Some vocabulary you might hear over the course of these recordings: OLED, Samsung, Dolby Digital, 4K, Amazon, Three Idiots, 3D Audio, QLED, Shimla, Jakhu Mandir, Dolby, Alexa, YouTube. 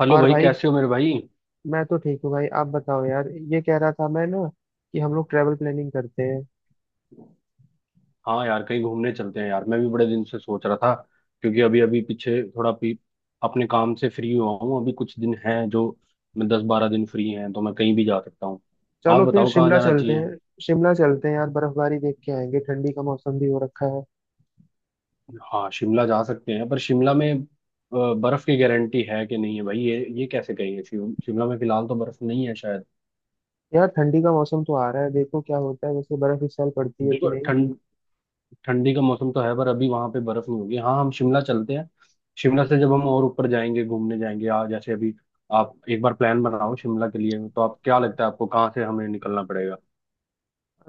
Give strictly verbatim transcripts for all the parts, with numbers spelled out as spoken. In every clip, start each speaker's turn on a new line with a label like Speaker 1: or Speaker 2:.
Speaker 1: Hello
Speaker 2: और
Speaker 1: भाई,
Speaker 2: भाई
Speaker 1: कैसे हो मेरे भाई।
Speaker 2: मैं तो ठीक हूँ भाई। आप बताओ यार, ये कह रहा था मैं ना कि हम लोग ट्रैवल प्लानिंग करते हैं।
Speaker 1: हाँ यार, कहीं घूमने चलते हैं यार, मैं भी बड़े दिन से सोच रहा था। क्योंकि अभी अभी पीछे थोड़ा भी अपने काम से फ्री हुआ हूँ। अभी कुछ दिन हैं जो, मैं दस बारह दिन फ्री हैं तो मैं कहीं भी जा सकता हूँ। आप
Speaker 2: चलो फिर
Speaker 1: बताओ कहाँ
Speaker 2: शिमला
Speaker 1: जाना
Speaker 2: चलते
Speaker 1: चाहिए?
Speaker 2: हैं। शिमला चलते हैं यार, बर्फबारी देख के आएंगे, ठंडी का मौसम भी हो रखा है।
Speaker 1: हाँ, शिमला जा सकते हैं, पर शिमला में अ, बर्फ की गारंटी है कि नहीं है भाई, ये ये कैसे कहेंगे, शिम- शिमला में फिलहाल तो बर्फ नहीं है शायद।
Speaker 2: यार ठंडी का मौसम तो आ रहा है, देखो क्या होता है, वैसे बर्फ इस साल पड़ती है कि
Speaker 1: बिल्कुल
Speaker 2: नहीं।
Speaker 1: ठंड। ठंडी का मौसम तो है पर अभी वहां पे बर्फ नहीं होगी। हाँ, हम शिमला चलते हैं। शिमला से जब हम और ऊपर जाएंगे, घूमने जाएंगे, आ जैसे अभी आप एक बार प्लान बनाओ शिमला के लिए, तो आप क्या लगता है, आपको कहाँ से हमें निकलना पड़ेगा?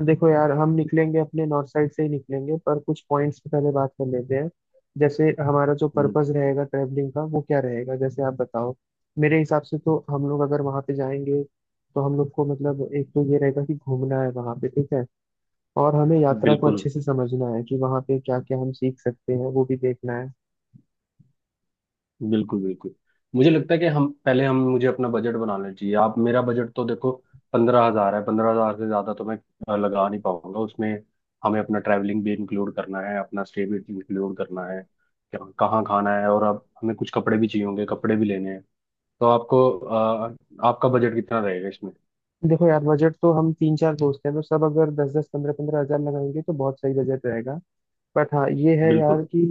Speaker 2: देखो यार, हम निकलेंगे अपने नॉर्थ साइड से ही निकलेंगे, पर कुछ पॉइंट्स पे पहले बात कर लेते हैं। जैसे हमारा जो
Speaker 1: हम्म।
Speaker 2: पर्पस रहेगा ट्रैवलिंग का वो क्या रहेगा, जैसे आप बताओ। मेरे हिसाब से तो हम लोग अगर वहाँ पे जाएंगे तो हम लोग को मतलब एक तो ये रहेगा कि घूमना है वहाँ पे, ठीक है। और हमें यात्रा को
Speaker 1: बिल्कुल,
Speaker 2: अच्छे से समझना है कि वहाँ पे क्या क्या हम सीख सकते हैं वो भी देखना है।
Speaker 1: बिल्कुल, बिल्कुल, मुझे लगता है कि हम पहले हम मुझे अपना बजट बनाना चाहिए। आप मेरा बजट तो देखो, पंद्रह हजार है, पंद्रह हजार से ज्यादा तो मैं अ, लगा नहीं पाऊंगा उसमें। हमें अपना ट्रैवलिंग भी इंक्लूड करना है, अपना स्टे भी इंक्लूड करना है, क्या- कहाँ खाना है, और अब हमें कुछ कपड़े भी चाहिए होंगे, कपड़े भी लेने हैं। तो आपको अ, आपका बजट कितना रहेगा इसमें?
Speaker 2: देखो यार, बजट तो हम तीन चार दोस्त हैं तो सब अगर दस दस पंद्रह पंद्रह हजार लगाएंगे तो बहुत सही बजट रहेगा। बट हाँ ये है यार
Speaker 1: बिल्कुल,
Speaker 2: कि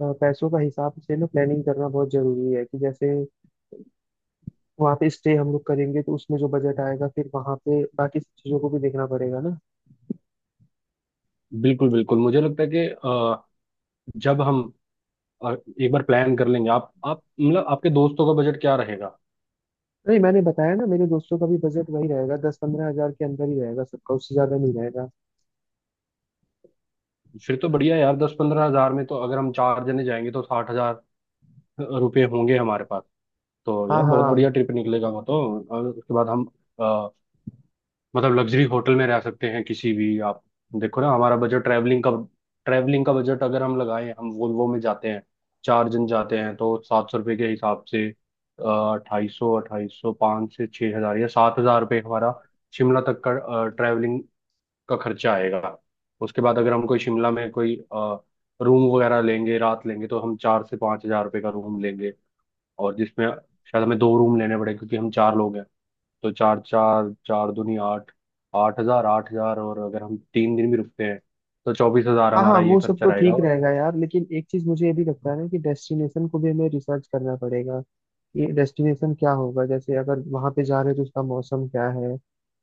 Speaker 2: अ, पैसों का हिसाब से ना प्लानिंग करना बहुत जरूरी है। कि जैसे वहाँ पे स्टे हम लोग करेंगे तो उसमें जो बजट आएगा फिर वहाँ पे बाकी सब चीजों को भी देखना पड़ेगा ना।
Speaker 1: बिल्कुल, बिल्कुल, मुझे लगता है कि अ, जब हम अ, एक बार प्लान कर लेंगे, आप आप मतलब आपके दोस्तों का बजट क्या रहेगा?
Speaker 2: नहीं, मैंने बताया ना, मेरे दोस्तों का भी बजट वही रहेगा, दस पंद्रह हजार के अंदर ही रहेगा सबका, उससे ज्यादा नहीं रहेगा।
Speaker 1: फिर तो बढ़िया है यार, दस पंद्रह हजार में तो अगर हम चार जने जाएंगे तो साठ हजार रुपये होंगे हमारे पास, तो
Speaker 2: हाँ
Speaker 1: यार बहुत बढ़िया
Speaker 2: हाँ।
Speaker 1: ट्रिप निकलेगा वो तो। और उसके बाद हम मतलब लग्जरी होटल में रह सकते हैं किसी भी। आप देखो ना, हमारा बजट ट्रैवलिंग का ट्रैवलिंग का बजट अगर हम लगाएं, हम वोल्वो में जाते हैं, चार जन जाते हैं, तो सात सौ रुपये के हिसाब से अट्ठाई सौ, अट्ठाई सौ, पाँच से छः हज़ार या सात हज़ार रुपये हमारा शिमला तक का ट्रैवलिंग का खर्चा आएगा। उसके बाद अगर हम कोई शिमला में कोई रूम वगैरह लेंगे, रात लेंगे, तो हम चार से पाँच हज़ार रुपये का रूम लेंगे, और जिसमें शायद हमें दो रूम लेने पड़े क्योंकि हम चार लोग हैं। तो चार, चार चार दूनी आठ, आठ हजार, आठ हजार, और अगर हम तीन दिन भी रुकते हैं तो चौबीस हजार
Speaker 2: हाँ हाँ
Speaker 1: हमारा ये
Speaker 2: वो सब
Speaker 1: खर्चा
Speaker 2: तो
Speaker 1: रहेगा।
Speaker 2: ठीक
Speaker 1: और
Speaker 2: रहेगा यार, लेकिन एक चीज मुझे ये भी लगता है ना कि डेस्टिनेशन को भी हमें रिसर्च करना पड़ेगा। ये डेस्टिनेशन क्या होगा, जैसे अगर वहाँ पे जा रहे हैं तो उसका मौसम क्या है,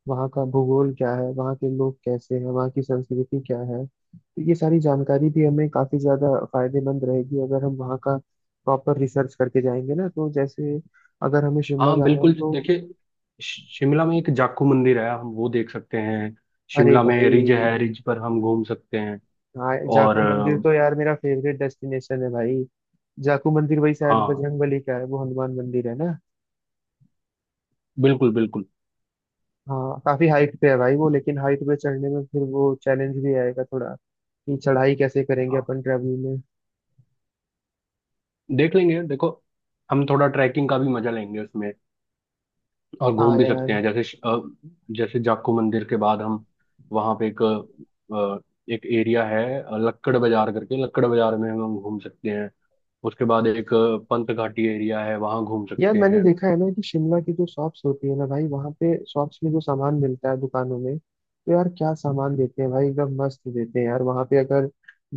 Speaker 2: वहाँ का भूगोल क्या है, वहाँ के लोग कैसे हैं, वहाँ की संस्कृति क्या है, तो ये सारी जानकारी भी हमें काफी ज्यादा फायदेमंद रहेगी अगर हम वहाँ का प्रॉपर रिसर्च करके जाएंगे ना। तो जैसे अगर हमें शिमला
Speaker 1: हाँ,
Speaker 2: जाना है
Speaker 1: बिल्कुल,
Speaker 2: तो।
Speaker 1: देखिए, शिमला में एक जाखू मंदिर है, हम वो देख सकते हैं।
Speaker 2: अरे
Speaker 1: शिमला में
Speaker 2: भाई,
Speaker 1: रिज है, रिज पर हम घूम सकते हैं।
Speaker 2: हाँ
Speaker 1: और
Speaker 2: जाखू मंदिर तो
Speaker 1: अ,
Speaker 2: यार मेरा फेवरेट डेस्टिनेशन है भाई। जाकू मंदिर भाई शायद
Speaker 1: हाँ,
Speaker 2: बजरंग बली का है, वो हनुमान मंदिर है ना।
Speaker 1: बिल्कुल, बिल्कुल।
Speaker 2: हाँ काफी हाइट पे है भाई वो, लेकिन हाइट पे चढ़ने में फिर वो चैलेंज भी आएगा थोड़ा, कि चढ़ाई कैसे करेंगे अपन ट्रैवलिंग में।
Speaker 1: देख लेंगे। देखो, हम थोड़ा ट्रैकिंग का भी मजा लेंगे उसमें, और
Speaker 2: हाँ
Speaker 1: घूम भी सकते
Speaker 2: यार।
Speaker 1: हैं। जैसे श- अ, जैसे जाखू मंदिर के बाद हम वहाँ पे एक अ, एक एरिया है, अ, लक्कड़ बाजार करके, लक्कड़ बाजार में हम घूम सकते हैं। उसके बाद एक अ, पंत घाटी एरिया है, वहाँ घूम
Speaker 2: यार
Speaker 1: सकते
Speaker 2: मैंने
Speaker 1: हैं।
Speaker 2: देखा है ना कि शिमला की जो शॉप्स होती है ना भाई, वहाँ पे शॉप्स में जो सामान मिलता है दुकानों में, तो यार क्या सामान देते हैं भाई, एकदम मस्त देते हैं यार। वहाँ पे अगर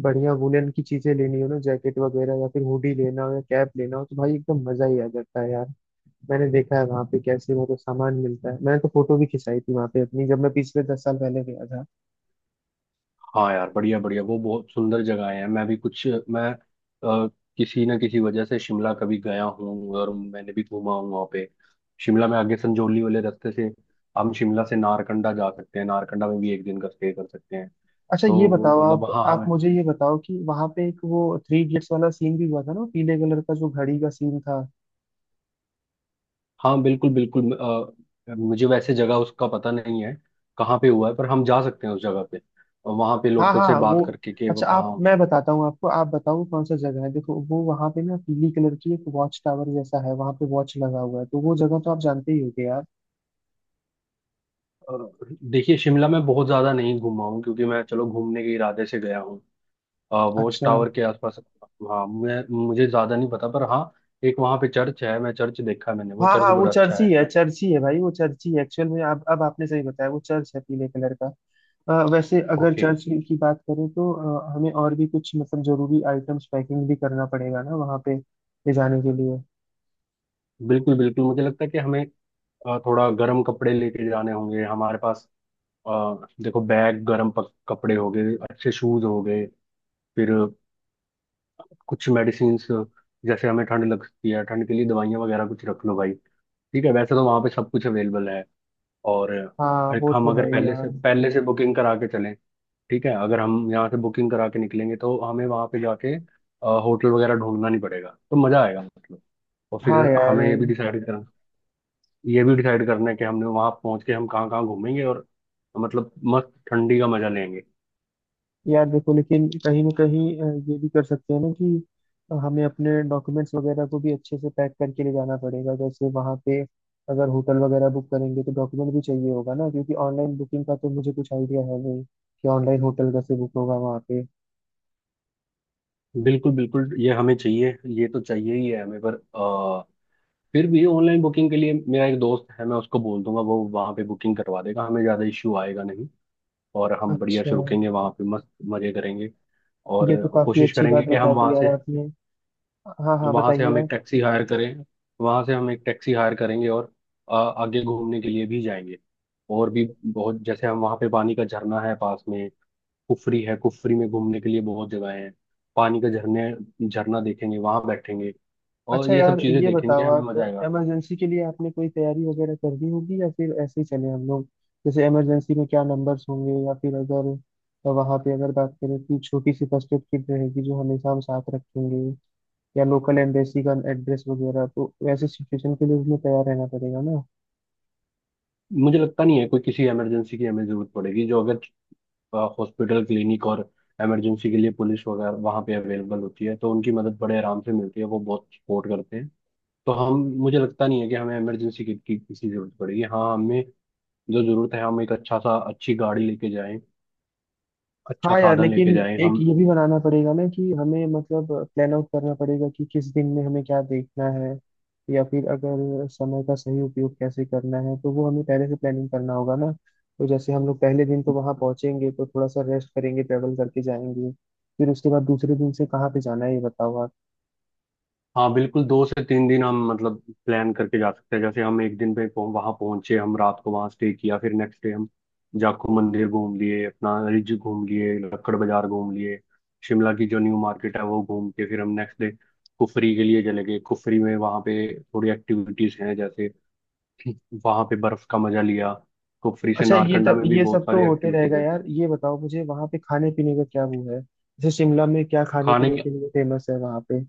Speaker 2: बढ़िया वुलन की चीजें लेनी हो ना, जैकेट वगैरह या फिर हुडी लेना हो या कैप लेना हो, तो भाई एकदम मजा ही आ जाता है यार। मैंने देखा है वहां पे कैसे मतलब सामान मिलता है, मैंने तो फोटो भी खिंचाई थी वहां पे अपनी, जब मैं पिछले दस साल पहले गया था।
Speaker 1: हाँ यार, बढ़िया, बढ़िया, वो बहुत सुंदर जगह है। मैं भी कुछ मैं अ, किसी ना किसी वजह से शिमला कभी गया हूँ, और मैंने भी घूमा हूँ वहाँ पे। शिमला में आगे संजौली वाले रास्ते से हम शिमला से नारकंडा जा सकते हैं, नारकंडा में भी एक दिन का स्टे कर सकते हैं।
Speaker 2: अच्छा ये
Speaker 1: तो
Speaker 2: बताओ,
Speaker 1: मतलब
Speaker 2: आप
Speaker 1: वहाँ
Speaker 2: आप
Speaker 1: हमें,
Speaker 2: मुझे ये बताओ कि वहां पे एक वो थ्री इडियट्स वाला सीन भी हुआ था ना, पीले कलर का जो घड़ी का सीन था।
Speaker 1: हाँ, बिल्कुल, बिल्कुल। अ, मुझे वैसे जगह उसका पता नहीं है, कहाँ पे हुआ है, पर हम जा सकते हैं उस जगह पे, वहां पे
Speaker 2: हाँ
Speaker 1: लोकल से
Speaker 2: हाँ वो।
Speaker 1: बात करके कि वो
Speaker 2: अच्छा आप,
Speaker 1: कहाँ।
Speaker 2: मैं बताता हूँ आपको, आप बताओ कौन सा जगह है। देखो वो वहां पे ना पीली कलर की एक वॉच टावर जैसा है, वहां पे वॉच लगा हुआ है, तो वो जगह तो आप जानते ही होगे यार।
Speaker 1: अ, देखिए, शिमला में बहुत ज्यादा नहीं घूमा हूँ, क्योंकि मैं चलो घूमने के इरादे से गया हूँ। अ, वॉच
Speaker 2: अच्छा।
Speaker 1: टावर के आसपास, हाँ, मैं मुझे ज्यादा नहीं पता, पर हाँ, एक वहाँ पे चर्च है, मैं चर्च देखा, मैंने वो
Speaker 2: हाँ
Speaker 1: चर्च
Speaker 2: हाँ वो
Speaker 1: बड़ा अच्छा
Speaker 2: चर्च ही
Speaker 1: है।
Speaker 2: है, चर्च ही है भाई, वो चर्च ही है एक्चुअल में। अब अब आपने सही बताया, वो चर्च है पीले कलर का। अ, वैसे अगर
Speaker 1: ओके।
Speaker 2: चर्च की बात करें तो अ, हमें और भी कुछ मतलब जरूरी आइटम्स पैकिंग भी करना पड़ेगा ना वहाँ पे ले जाने के लिए।
Speaker 1: बिल्कुल, बिल्कुल, मुझे लगता है कि हमें अ, थोड़ा गर्म कपड़े लेके जाने होंगे हमारे पास। अ, देखो, बैग, गर्म पक- कपड़े हो गए, अच्छे शूज हो गए, फिर कुछ मेडिसिन, जैसे हमें ठंड लगती है, ठंड के लिए दवाइयाँ वगैरह कुछ रख लो भाई। ठीक है, वैसे तो वहाँ पे सब कुछ अवेलेबल है। और
Speaker 2: हाँ
Speaker 1: एक,
Speaker 2: वो
Speaker 1: हम
Speaker 2: तो
Speaker 1: अगर
Speaker 2: है ही
Speaker 1: पहले
Speaker 2: यार।
Speaker 1: से पहले से बुकिंग करा के चलें, ठीक है, अगर हम यहाँ से बुकिंग करा के निकलेंगे तो हमें वहाँ पे जाके होटल वगैरह ढूंढना नहीं पड़ेगा, तो मज़ा आएगा मतलब। और
Speaker 2: हाँ
Speaker 1: फिर
Speaker 2: यार।
Speaker 1: हमें ये भी डिसाइड करना ये भी डिसाइड करना है कि हमने वहाँ पहुँच के हम कहाँ कहाँ घूमेंगे, और मतलब मस्त ठंडी का मज़ा लेंगे।
Speaker 2: यार देखो लेकिन कहीं ना कहीं अ, ये भी कर सकते हैं ना कि हमें अपने डॉक्यूमेंट्स वगैरह को भी अच्छे से पैक करके ले जाना पड़ेगा। जैसे वहाँ पे अगर होटल वगैरह बुक करेंगे तो डॉक्यूमेंट भी चाहिए होगा ना, क्योंकि ऑनलाइन बुकिंग का तो मुझे कुछ आइडिया है नहीं कि ऑनलाइन होटल कैसे बुक होगा वहाँ पे।
Speaker 1: बिल्कुल, बिल्कुल, ये हमें चाहिए, ये तो चाहिए ही है हमें। पर फिर भी ऑनलाइन बुकिंग के लिए मेरा एक दोस्त है, मैं उसको बोल दूंगा, वो वहाँ पे बुकिंग करवा देगा, हमें ज़्यादा इश्यू आएगा नहीं। और हम बढ़िया
Speaker 2: अच्छा
Speaker 1: से रुकेंगे वहाँ पे, मस्त मज़े करेंगे। और
Speaker 2: ये तो काफी
Speaker 1: कोशिश
Speaker 2: अच्छी
Speaker 1: करेंगे
Speaker 2: बात
Speaker 1: कि हम
Speaker 2: बता दी
Speaker 1: वहाँ
Speaker 2: यार
Speaker 1: से,
Speaker 2: आपने। हाँ हाँ
Speaker 1: वहाँ से
Speaker 2: बताइए
Speaker 1: हम एक
Speaker 2: आप।
Speaker 1: टैक्सी हायर करें वहाँ से हम एक टैक्सी हायर करेंगे, और आ, आगे घूमने के लिए भी जाएंगे। और भी बहुत, जैसे हम वहाँ पे, पानी का झरना है पास में, कुफरी है, कुफरी में घूमने के लिए बहुत जगह है। पानी का झरने झरना देखेंगे, वहाँ बैठेंगे, और
Speaker 2: अच्छा
Speaker 1: ये सब
Speaker 2: यार
Speaker 1: चीज़ें
Speaker 2: ये
Speaker 1: देखेंगे,
Speaker 2: बताओ
Speaker 1: हमें
Speaker 2: आप,
Speaker 1: मज़ा आएगा।
Speaker 2: इमरजेंसी के लिए आपने कोई तैयारी वगैरह कर दी होगी या फिर ऐसे ही चले हम लोग। जैसे इमरजेंसी में क्या नंबर्स होंगे, या फिर अगर वहाँ पे अगर बात करें कि छोटी सी फर्स्ट एड किट रहेगी जो हमेशा हम साथ रखेंगे, या लोकल एम्बेसी का एड्रेस वगैरह, तो वैसे सिचुएशन के लिए उसमें तैयार रहना पड़ेगा।
Speaker 1: मुझे लगता नहीं है कोई किसी इमरजेंसी की हमें जरूरत पड़ेगी, जो अगर हॉस्पिटल, क्लिनिक और इमरजेंसी के लिए पुलिस वगैरह वहाँ पे अवेलेबल होती है, तो उनकी मदद बड़े आराम से मिलती है, वो बहुत सपोर्ट करते हैं। तो हम मुझे लगता नहीं है कि हमें इमरजेंसी किट की किसी जरूरत पड़ेगी। हाँ, हमें जो जरूरत है, हम एक अच्छा सा, अच्छी गाड़ी लेके जाएं अच्छा
Speaker 2: हाँ यार
Speaker 1: साधन लेके
Speaker 2: लेकिन
Speaker 1: जाएं
Speaker 2: एक
Speaker 1: हम।
Speaker 2: ये भी बनाना पड़ेगा ना कि हमें मतलब प्लान आउट करना पड़ेगा कि किस दिन में हमें क्या देखना है, या फिर अगर समय का सही उपयोग कैसे करना है, तो वो हमें पहले से प्लानिंग करना होगा ना। तो जैसे हम लोग पहले दिन तो वहाँ पहुँचेंगे तो थोड़ा सा रेस्ट करेंगे, ट्रेवल करके जाएंगे। फिर उसके बाद दूसरे दिन से कहाँ पे जाना है ये बताओ आप।
Speaker 1: हाँ, बिल्कुल, दो से तीन दिन हम मतलब प्लान करके जा सकते हैं। जैसे हम एक दिन पे पहुं, वहां पहुंचे, हम रात को वहां स्टे किया, फिर नेक्स्ट डे हम जाखू मंदिर घूम लिए, अपना रिज घूम लिए, लक्कड़ बाजार घूम लिए, शिमला की जो न्यू मार्केट है वो घूम के, फिर हम नेक्स्ट डे कुफरी के लिए चले गए। कुफरी में वहाँ पे थोड़ी एक्टिविटीज हैं, जैसे वहाँ पे बर्फ का मजा लिया। कुफरी से
Speaker 2: अच्छा ये
Speaker 1: नारकंडा
Speaker 2: तब
Speaker 1: में भी
Speaker 2: ये
Speaker 1: बहुत
Speaker 2: सब तो
Speaker 1: सारी
Speaker 2: होते
Speaker 1: एक्टिविटीज
Speaker 2: रहेगा
Speaker 1: हैं।
Speaker 2: यार, ये बताओ मुझे वहाँ पे खाने पीने का क्या वो है, जैसे शिमला में क्या खाने
Speaker 1: खाने
Speaker 2: पीने
Speaker 1: की,
Speaker 2: के लिए फेमस है वहाँ पे।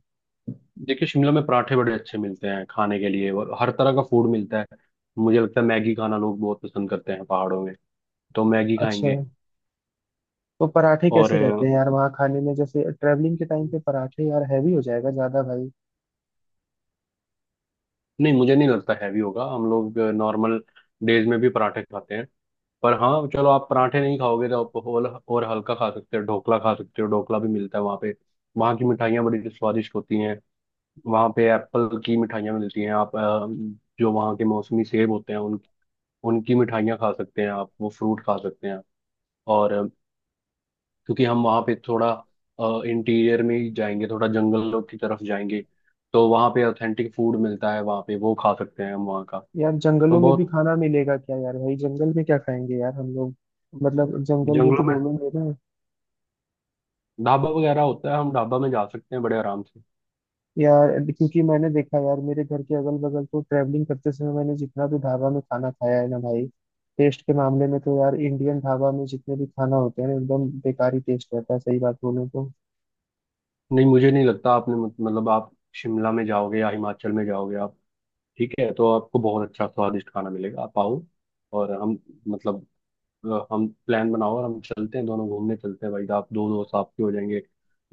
Speaker 1: देखिए, शिमला में पराठे बड़े अच्छे मिलते हैं खाने के लिए, और हर तरह का फूड मिलता है। मुझे लगता है मैगी खाना लोग बहुत पसंद करते हैं पहाड़ों में, तो मैगी
Speaker 2: अच्छा,
Speaker 1: खाएंगे।
Speaker 2: तो पराठे
Speaker 1: और
Speaker 2: कैसे रहते
Speaker 1: अ,
Speaker 2: हैं यार वहाँ खाने में, जैसे ट्रैवलिंग के टाइम पे पराठे यार हैवी हो जाएगा ज्यादा भाई।
Speaker 1: नहीं, मुझे नहीं लगता हैवी होगा, हम लोग नॉर्मल डेज में भी पराठे खाते हैं। पर हाँ, चलो, आप पराठे नहीं खाओगे तो आप और और हल्का खा सकते हो, ढोकला खा सकते हो, ढोकला भी मिलता है वहाँ पे। वहाँ की मिठाइयाँ बड़ी स्वादिष्ट होती हैं, वहाँ पे एप्पल की मिठाइयाँ मिलती हैं। आप अ, जो वहाँ के मौसमी सेब होते हैं, उन उनकी मिठाइयाँ खा सकते हैं, आप वो फ्रूट खा सकते हैं। और अ, क्योंकि हम वहाँ पे थोड़ा इंटीरियर में ही जाएंगे, थोड़ा जंगलों की तरफ जाएंगे, तो वहाँ पे ऑथेंटिक फूड मिलता है, वहाँ पे वो खा सकते हैं, हम वहाँ का।
Speaker 2: यार
Speaker 1: तो
Speaker 2: जंगलों में भी
Speaker 1: बहुत
Speaker 2: खाना मिलेगा क्या यार, भाई जंगल में क्या खाएंगे यार हम लोग, मतलब जंगल में तो
Speaker 1: जंगलों में
Speaker 2: घूमेंगे ना।
Speaker 1: ढाबा वगैरह होता है, हम ढाबा में जा सकते हैं बड़े आराम से।
Speaker 2: यार क्योंकि मैंने देखा यार, मेरे घर के अगल बगल तो ट्रैवलिंग करते समय मैंने जितना भी ढाबा में खाना खाया है ना भाई, टेस्ट के मामले में तो यार इंडियन ढाबा में जितने भी खाना होते हैं ना एकदम बेकार ही टेस्ट रहता है, सही बात बोलूं तो।
Speaker 1: नहीं, मुझे नहीं लगता, आपने मत- मतलब आप शिमला में जाओगे या हिमाचल में जाओगे आप, ठीक है, तो आपको बहुत अच्छा स्वादिष्ट खाना मिलेगा। आप आओ, और हम मतलब अ, हम प्लान बनाओ, और हम चलते हैं दोनों, घूमने चलते हैं भाई, आप दो दोस्त आपके हो जाएंगे,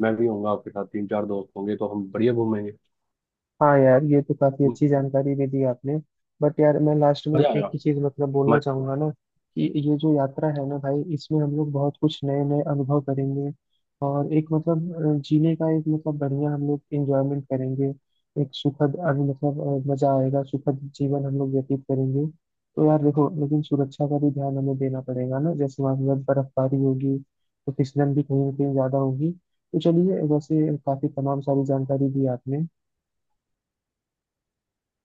Speaker 1: मैं भी होऊंगा आपके साथ, तीन चार दोस्त होंगे, तो हम बढ़िया घूमेंगे।
Speaker 2: हाँ यार ये तो काफी अच्छी जानकारी भी दी आपने। बट यार मैं लास्ट में
Speaker 1: मजा आएगा।
Speaker 2: एक ही चीज मतलब बोलना
Speaker 1: म-
Speaker 2: चाहूंगा ना, कि ये जो यात्रा है ना भाई, इसमें हम लोग बहुत कुछ नए नए अनुभव करेंगे। और एक मतलब अ, जीने का एक मतलब बढ़िया हम लोग एंजॉयमेंट करेंगे। एक सुखद अभी मतलब अ, मजा आएगा, सुखद जीवन हम लोग व्यतीत करेंगे। तो यार देखो लेकिन सुरक्षा का भी ध्यान हमें देना पड़ेगा ना, जैसे वहाँ पर बर्फबारी होगी तो फिसलन भी कहीं ना कहीं ज्यादा होगी। तो चलिए, वैसे काफी तमाम सारी जानकारी दी आपने।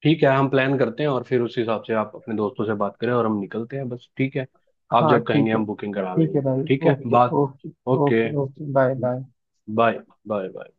Speaker 1: ठीक है, हम प्लान करते हैं, और फिर उस हिसाब से आप अपने दोस्तों से बात करें, और हम निकलते हैं बस, ठीक है। आप
Speaker 2: हाँ
Speaker 1: जब कहेंगे
Speaker 2: ठीक है,
Speaker 1: हम बुकिंग करा
Speaker 2: ठीक है
Speaker 1: लेंगे,
Speaker 2: भाई।
Speaker 1: ठीक है
Speaker 2: ओके।
Speaker 1: बात।
Speaker 2: Okay.
Speaker 1: Okay.
Speaker 2: Okay, okay, bye bye.
Speaker 1: Bye. Bye bye.